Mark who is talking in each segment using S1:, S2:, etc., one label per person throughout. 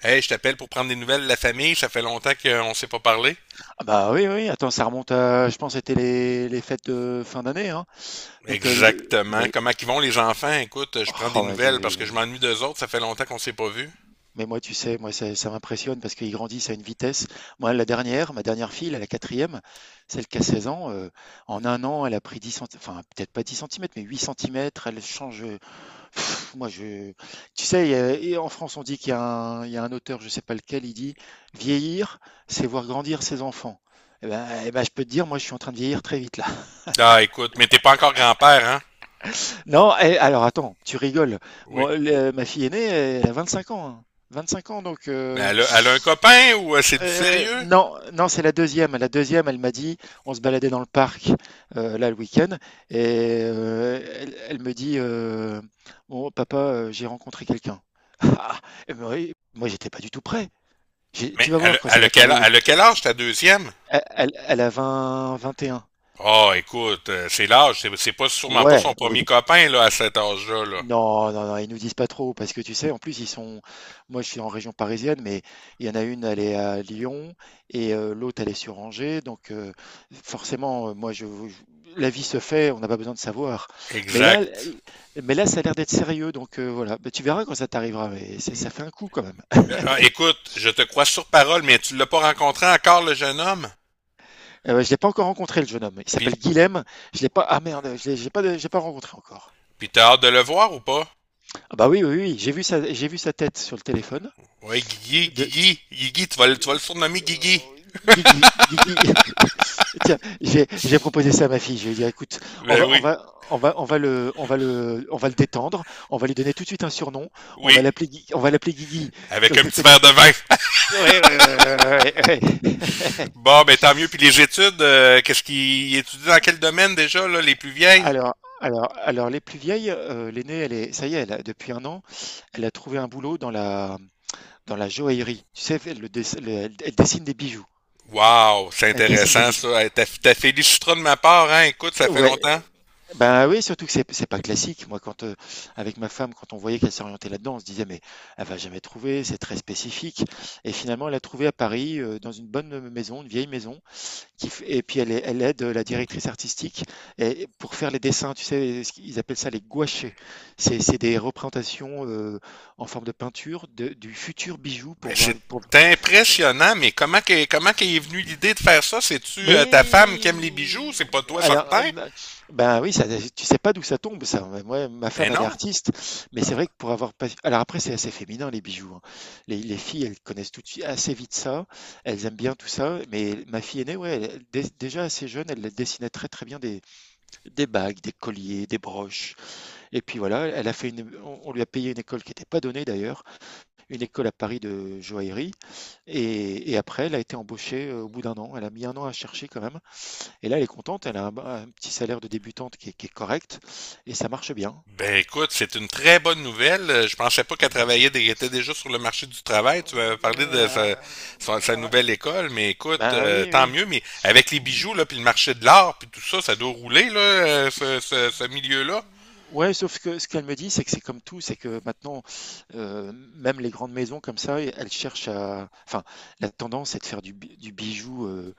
S1: Hey, je t'appelle pour prendre des nouvelles de la famille, ça fait longtemps qu'on ne s'est pas parlé.
S2: Ah bah, oui, oui, oui, attends, ça remonte à, je pense, c'était les fêtes de fin d'année, hein. Donc, le
S1: Exactement.
S2: mais
S1: Comment qu'ils vont les enfants? Écoute, je prends des
S2: oh mais tu
S1: nouvelles parce que je m'ennuie d'eux autres, ça fait longtemps qu'on s'est pas vus.
S2: mais moi, tu sais, moi, ça m'impressionne parce qu'ils grandissent à une vitesse. Moi, ma dernière fille, là, la quatrième, celle qui a 16 ans, en un an, elle a pris 10 centi enfin, peut-être pas 10 centimètres, mais 8 centimètres, elle change. Moi, je Tu sais, il y a et en France, on dit qu'il y a un auteur, je sais pas lequel. Il dit: «Vieillir, c'est voir grandir ses enfants». Et bah, je peux te dire, moi, je suis en train de vieillir très vite, là.
S1: Ah, écoute, mais t'es pas encore grand-père, hein?
S2: Non, alors attends, tu rigoles.
S1: Oui.
S2: Moi, ma fille aînée, elle a 25 ans, hein. 25 ans, donc,
S1: Mais elle a un copain ou c'est du sérieux?
S2: non, non, c'est la deuxième. La deuxième, elle m'a dit, on se baladait dans le parc, là, le week-end, et elle me dit, «Bon, papa, j'ai rencontré quelqu'un.» Ah, eh ben oui, moi, j'étais pas du tout prêt.
S1: Mais
S2: Tu vas
S1: elle
S2: voir
S1: a,
S2: quand ça
S1: elle a
S2: va
S1: quel,
S2: t'arriver.
S1: elle a quel âge
S2: C'est-
S1: ta deuxième?
S2: elle a 20, 21.
S1: Ah, écoute, c'est l'âge, c'est pas sûrement pas son
S2: Ouais, oui.
S1: premier copain là à cet âge-là. Là.
S2: Non, non, non, ils nous disent pas trop parce que, tu sais, en plus, ils sont. Moi, je suis en région parisienne, mais il y en a une, elle est à Lyon, et l'autre, elle est sur Angers. Donc, forcément, la vie se fait, on n'a pas besoin de savoir. Mais là, l-
S1: Exact.
S2: mais là, ça a l'air d'être sérieux. Donc, voilà, bah, tu verras quand ça t'arrivera. Mais ça fait un coup quand même.
S1: Mais, ah, écoute, je te crois sur parole, mais tu l'as pas rencontré encore le jeune homme?
S2: Ouais, je l'ai pas encore rencontré, le jeune homme. Il
S1: Puis,
S2: s'appelle Guilhem. Je l'ai pas. Ah merde, je l'ai j'ai pas rencontré encore.
S1: puis t'as hâte de le voir ou pas?
S2: Ah bah oui, oui, oui. J'ai vu sa tête sur le téléphone.
S1: Ouais, Guigui, Guigui, Guigui, tu vas le surnommer Guigui.
S2: Guigui, Guigui. Tiens, j'ai proposé ça à ma fille. Je lui ai dit, écoute,
S1: Ben oui,
S2: on va le détendre. On va lui donner tout de suite un surnom.
S1: oui.
S2: On va l'appeler Guigui. Que-
S1: Avec un
S2: que-
S1: petit
S2: que-
S1: verre de vin.
S2: Ouais, ouais, ouais, ouais, ouais.
S1: Bon, ben tant mieux. Puis les études, qu'est-ce qu'il étudie dans quel domaine déjà, là, les plus vieilles?
S2: Alors, alors, les plus vieilles, l'aînée, ça y est, depuis un an, elle a trouvé un boulot dans la joaillerie. Tu sais, elle dessine des bijoux.
S1: Wow, c'est
S2: Elle dessine des
S1: intéressant
S2: bijoux.
S1: ça. Hey, T'as félicitera de ma part, hein. Écoute, ça fait
S2: Ouais,
S1: longtemps.
S2: ben oui, surtout que c'est pas classique. Avec ma femme, quand on voyait qu'elle s'orientait là-dedans, on se disait: «Mais elle va jamais trouver, c'est très spécifique», et finalement, elle a trouvé à Paris, dans une bonne, maison, une vieille maison qui f et puis elle aide, la directrice artistique, et pour faire les dessins, tu sais, ce qu'ils appellent ça les gouachés. C'est des représentations, en forme de peinture de du futur bijou pour
S1: Ben
S2: voir
S1: c'est
S2: pour
S1: impressionnant, mais comment qu'est est venue l'idée de faire ça? C'est-tu ta femme qui aime les
S2: Mais
S1: bijoux? C'est pas toi
S2: alors,
S1: certain?
S2: bah, ben oui, ça, tu sais pas d'où ça tombe, ça. Moi, ma
S1: Ben
S2: femme, elle est
S1: non.
S2: artiste, mais c'est vrai que pour avoir pas. Alors après, c'est assez féminin, les bijoux, hein. Les filles, elles connaissent tout de suite assez vite ça. Elles aiment bien tout ça. Mais ma fille aînée, ouais, déjà assez jeune, elle dessinait très très bien des bagues, des colliers, des broches. Et puis voilà, elle a fait une. On lui a payé une école qui n'était pas donnée d'ailleurs, une école à Paris de joaillerie. Et après, elle a été embauchée, au bout d'un an. Elle a mis un an à chercher quand même. Et là, elle est contente, elle a un petit salaire de débutante qui est correct, et ça marche bien.
S1: Ben écoute, c'est une très bonne nouvelle. Je pensais pas qu'elle travaillait, était déjà sur le marché du travail. Tu m'avais parlé de sa nouvelle école, mais écoute,
S2: Ben oui,
S1: tant
S2: oui.
S1: mieux. Mais avec les bijoux là, puis le marché de l'art, puis tout ça, ça doit rouler là, ce milieu-là.
S2: Ouais, sauf que ce qu'elle me dit, c'est que c'est comme tout, c'est que maintenant, même les grandes maisons comme ça, elles cherchent à... Enfin, la tendance est de faire du bijou euh,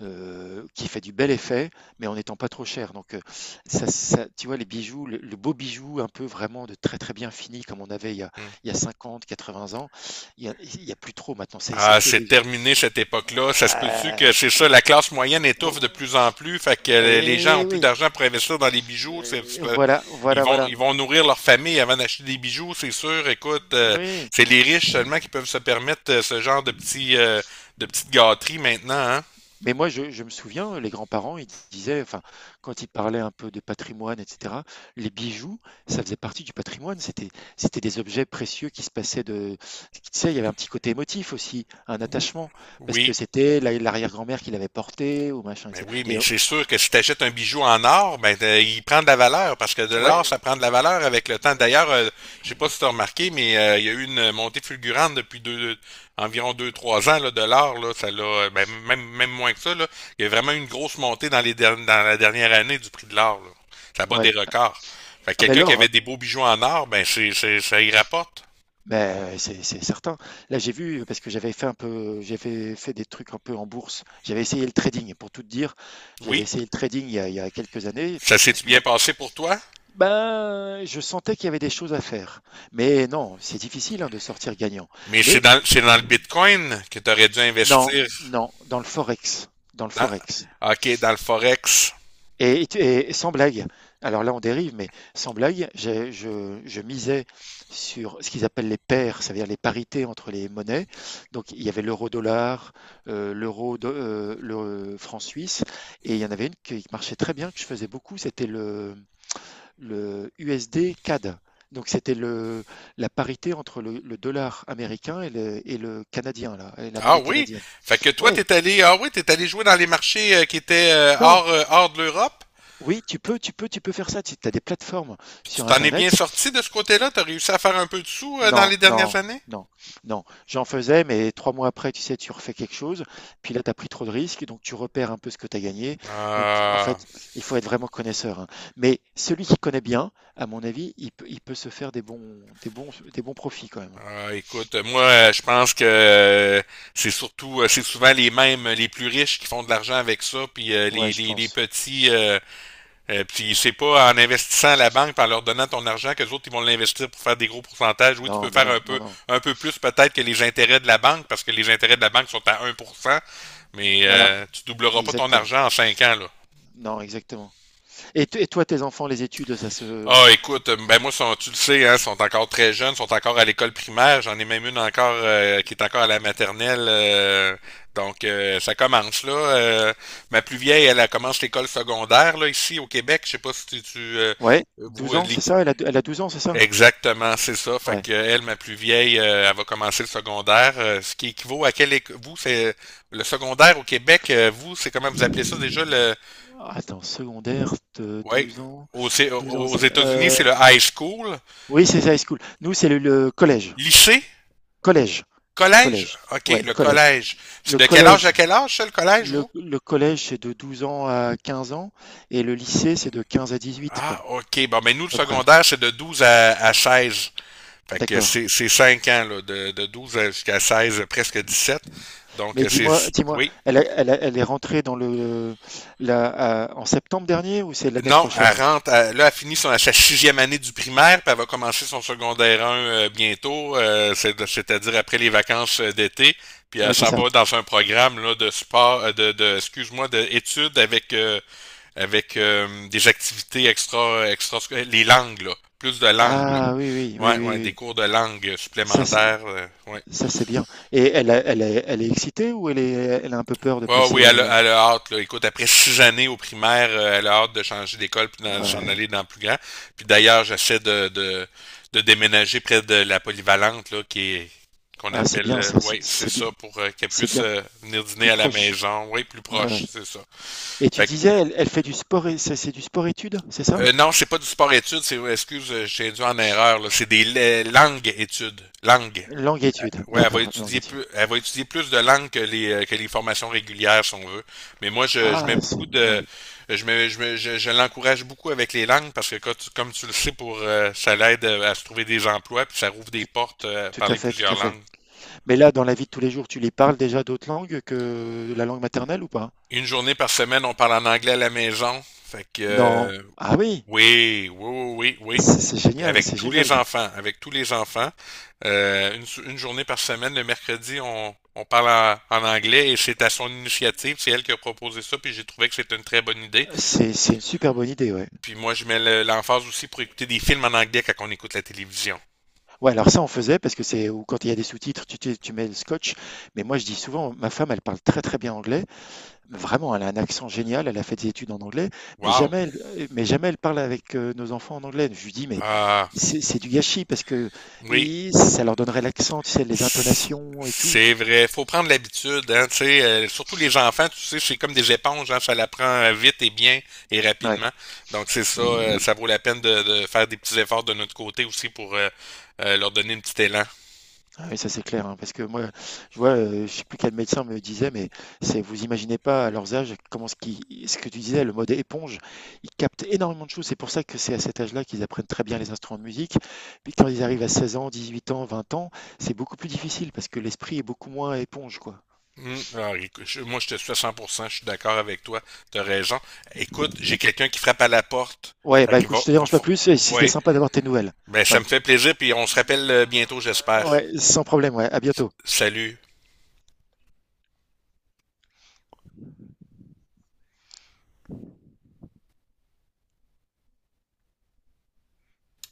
S2: euh, qui fait du bel effet, mais en n'étant pas trop cher. Donc, tu vois, les bijoux, le beau bijou, un peu vraiment de très très bien fini, comme on avait
S1: Hmm.
S2: il y a 50, 80 ans, il y a plus trop maintenant. C'est
S1: Ah,
S2: que
S1: c'est
S2: les...
S1: terminé cette époque-là. Ça se peut-tu que
S2: Ah,
S1: c'est ça, la classe moyenne étouffe de
S2: oh,
S1: plus en plus, fait que les gens ont
S2: eh
S1: plus
S2: oui,
S1: d'argent pour investir dans les bijoux.
S2: et
S1: Ils vont
S2: voilà,
S1: nourrir leur famille avant d'acheter des bijoux, c'est sûr. Écoute,
S2: oui.
S1: c'est les riches seulement qui peuvent se permettre ce genre de petites gâteries maintenant, hein?
S2: Mais moi, je me souviens, les grands-parents, ils disaient, enfin, quand ils parlaient un peu de patrimoine, etc., les bijoux, ça faisait partie du patrimoine. C'était des objets précieux qui se passaient de. Tu sais, il y avait un petit côté émotif aussi, un attachement, parce que
S1: Oui.
S2: c'était l'arrière-grand-mère qui l'avait porté ou machin,
S1: Mais
S2: etc.
S1: oui, mais c'est sûr que si tu achètes un bijou en or, ben il prend de la valeur parce que de l'or,
S2: Ouais,
S1: ça prend de la valeur avec le temps. D'ailleurs, je sais pas si tu as remarqué, mais il y a eu une montée fulgurante depuis environ 2, 3 ans là, de l'or. Là, ça l'a, ben, même moins que ça. Là, il y a vraiment eu une grosse montée dans la dernière année du prix de l'or. Là. Ça bat des
S2: ouais.
S1: records. Fait que
S2: Ah ben
S1: quelqu'un qui avait
S2: Laure,
S1: des beaux bijoux en or, ben ça y rapporte.
S2: beh, c'est certain. Là, j'ai vu parce que j'avais fait des trucs un peu en bourse. J'avais essayé le trading pour tout te dire. J'avais
S1: Oui,
S2: essayé le trading il y a quelques années
S1: ça s'est
S2: parce que,
S1: bien
S2: bah,
S1: passé pour toi,
S2: ben, je sentais qu'il y avait des choses à faire. Mais non, c'est difficile, hein, de sortir gagnant.
S1: mais c'est
S2: Mais
S1: dans, c'est dans le Bitcoin que tu aurais dû
S2: non,
S1: investir.
S2: non, dans le
S1: Dans,
S2: forex.
S1: OK, dans le Forex.
S2: Et sans blague, alors là on dérive, mais sans blague, je misais sur ce qu'ils appellent les paires, c'est-à-dire les parités entre les monnaies. Donc il y avait l'euro-dollar, l'euro, le franc suisse, et il y en avait une qui marchait très bien, que je faisais beaucoup, c'était le USD-CAD. Donc c'était la parité entre le dollar américain et le canadien, là, et la
S1: Ah
S2: monnaie
S1: oui?
S2: canadienne.
S1: Fait que toi,
S2: Oui,
S1: ah oui, t'es allé jouer dans les marchés qui étaient
S2: non,
S1: hors de l'Europe.
S2: oui, tu peux faire ça. Tu as des plateformes
S1: Puis tu
S2: sur
S1: t'en es bien
S2: Internet.
S1: sorti de ce côté-là? T'as réussi à faire un peu de sous dans
S2: Non,
S1: les dernières
S2: non,
S1: années?
S2: non, non. J'en faisais, mais 3 mois après, tu sais, tu refais quelque chose, puis là, tu as pris trop de risques, donc tu repères un peu ce que tu as gagné. Donc, en
S1: Ah,
S2: fait, il faut être vraiment connaisseur, hein. Mais celui qui connaît bien, à mon avis, il peut se faire des bons profits quand même.
S1: écoute, moi, je pense que c'est souvent les mêmes, les plus riches qui font de l'argent avec ça, puis
S2: Ouais,
S1: les,
S2: je
S1: les, les
S2: pense.
S1: petits, puis c'est pas en investissant à la banque, par leur donnant ton argent, que les autres ils vont l'investir pour faire des gros pourcentages. Oui, tu peux
S2: Non, bah
S1: faire
S2: non,
S1: un peu,
S2: non, non.
S1: un peu plus peut-être que les intérêts de la banque, parce que les intérêts de la banque sont à 1%, mais
S2: Voilà,
S1: tu doubleras pas ton
S2: exactement.
S1: argent en 5 ans là.
S2: Non, exactement. Et toi, tes enfants, les études, ça se...
S1: Ah, écoute, ben moi, sont, tu le sais, hein, sont encore très jeunes, sont encore à l'école primaire. J'en ai même une encore qui est encore à la maternelle. Donc, ça commence là. Ma plus vieille, elle commence l'école secondaire là ici au Québec. Je sais pas si
S2: Ouais,
S1: vous
S2: douze ans, c'est ça? Elle a 12 ans, c'est ça?
S1: Exactement, c'est ça. Fait
S2: Ouais.
S1: que elle, ma plus vieille, elle va commencer le secondaire, ce qui équivaut à quel vous c'est le secondaire au Québec, vous c'est comment vous appelez ça déjà le
S2: Attends, secondaire, de
S1: ouais
S2: 12 ans.
S1: aux, c'est- aux
S2: 12 ans.
S1: aux États-Unis c'est le high school,
S2: Oui, c'est ça, high
S1: Puis,
S2: school. Nous, c'est le collège.
S1: lycée,
S2: Collège.
S1: collège.
S2: Collège.
S1: Ok,
S2: Ouais,
S1: le
S2: collège.
S1: collège. C'est
S2: Le
S1: de quel âge à
S2: collège,
S1: quel âge ça, le collège
S2: le,
S1: vous?
S2: le collège, c'est de 12 ans à 15 ans, et le lycée, c'est de 15 à 18, quoi,
S1: Ah
S2: à
S1: ok, bon mais nous le
S2: peu près.
S1: secondaire c'est de 12 à 16. Fait que
S2: D'accord.
S1: c'est 5 ans là, de 12 jusqu'à 16, presque 17. Donc
S2: Mais
S1: c'est
S2: dis-moi,
S1: oui.
S2: elle est rentrée dans le, la, à- en septembre dernier ou c'est l'année
S1: Non,
S2: prochaine?
S1: là, elle finit sa sixième année du primaire, puis elle va commencer son secondaire un bientôt, c'est-à-dire après les vacances d'été, puis
S2: Ah
S1: elle
S2: oui, c'est
S1: s'en
S2: ça.
S1: va dans un programme là, de sport, de excuse-moi, d'études avec des activités les langues, là, plus de langues, là.
S2: Ah oui, oui,
S1: Ouais,
S2: oui,
S1: ouais,
S2: oui,
S1: des
S2: oui.
S1: cours de langue
S2: Ça, c'est-
S1: supplémentaires, ouais.
S2: Ça c'est bien. Et elle est excitée, ou elle a un peu peur de
S1: Ouais, ouais, oui,
S2: passer?
S1: elle a, elle a hâte, là. Écoute, après 6 années au primaire, elle a hâte de changer d'école puis s'en
S2: Ouais.
S1: aller dans le plus grand. Puis d'ailleurs, j'essaie de, déménager près de la polyvalente, là, qu'on
S2: Ah, c'est
S1: appelle,
S2: bien, ça, c'est
S1: ouais, c'est
S2: c'est bien,
S1: ça, pour qu'elle
S2: c'est
S1: puisse
S2: bien
S1: venir dîner
S2: plus
S1: à la
S2: proche.
S1: maison. Oui, plus
S2: Ouais, ouais.
S1: proche, c'est ça.
S2: Et tu
S1: Fait que,
S2: disais, elle fait du sport, et c'est du sport-études, c'est ça?
S1: non, c'est pas du sport études, c'est, excuse, j'ai dû en erreur, là. C'est des langues études. Langues.
S2: Langue-études,
S1: Ouais, elle va
S2: d'accord,
S1: étudier
S2: langue-études.
S1: plus, elle va étudier plus de langues que les formations régulières, si on veut. Mais moi, je mets
S2: Ah,
S1: beaucoup
S2: ouais,
S1: de, je mets, je mets- je l'encourage beaucoup avec les langues parce que comme tu le sais, ça l'aide à se trouver des emplois puis ça rouvre des
S2: tout,
S1: portes à
S2: tout à
S1: parler
S2: fait, tout
S1: plusieurs
S2: à fait.
S1: langues.
S2: Mais là, dans la vie de tous les jours, tu les parles déjà d'autres langues que la langue maternelle ou pas?
S1: Une journée par semaine, on parle en anglais à la maison. Fait que,
S2: Non. Ah oui,
S1: Oui, oui, oui, oui,
S2: c'est
S1: oui.
S2: génial,
S1: Avec
S2: c'est
S1: tous
S2: génial.
S1: les enfants, avec tous les enfants. Une journée par semaine, le mercredi, on parle en anglais et c'est à son initiative. C'est elle qui a proposé ça, puis j'ai trouvé que c'était une très bonne idée.
S2: C'est une super bonne idée, ouais.
S1: Puis moi, je mets l'emphase aussi pour écouter des films en anglais quand on écoute la télévision.
S2: Ouais, alors ça, on faisait parce que c'est, ou quand il y a des sous-titres, tu mets le scotch. Mais moi, je dis souvent, ma femme, elle parle très très bien anglais. Vraiment, elle a un accent génial, elle a fait des études en anglais, mais
S1: Wow!
S2: jamais elle, mais jamais elle parle avec, nos enfants en anglais. Je lui dis: «Mais
S1: Ah,
S2: c'est du gâchis parce que
S1: oui.
S2: i ça leur donnerait l'accent, tu sais, les intonations et tout».
S1: C'est vrai, faut prendre l'habitude, hein, tu sais, surtout les enfants, tu sais, c'est comme des éponges, hein, ça l'apprend vite et bien et
S2: Ouais,
S1: rapidement. Donc c'est ça, ça vaut la peine de, faire des petits efforts de notre côté aussi pour leur donner un petit élan.
S2: ah oui, ça c'est clair, hein, parce que moi, je sais plus quel médecin me disait, mais c'est, vous imaginez pas à leurs âges comment ce que tu disais, le mode éponge, ils captent énormément de choses. C'est pour ça que c'est à cet âge-là qu'ils apprennent très bien les instruments de musique. Puis quand ils arrivent à 16 ans, 18 ans, 20 ans, c'est beaucoup plus difficile parce que l'esprit est beaucoup moins éponge, quoi.
S1: Alors, écoute, moi je te suis à 100%, je suis d'accord avec toi, t'as raison. Écoute, j'ai quelqu'un qui frappe à la porte.
S2: Ouais,
S1: Fait
S2: bah
S1: que
S2: écoute, je te dérange pas plus, et si c'était
S1: ouais,
S2: sympa d'avoir tes nouvelles.
S1: ben ça me
S2: Ouais.
S1: fait plaisir, puis on se rappelle bientôt, j'espère.
S2: Ouais, sans problème, ouais. À bientôt.
S1: Salut.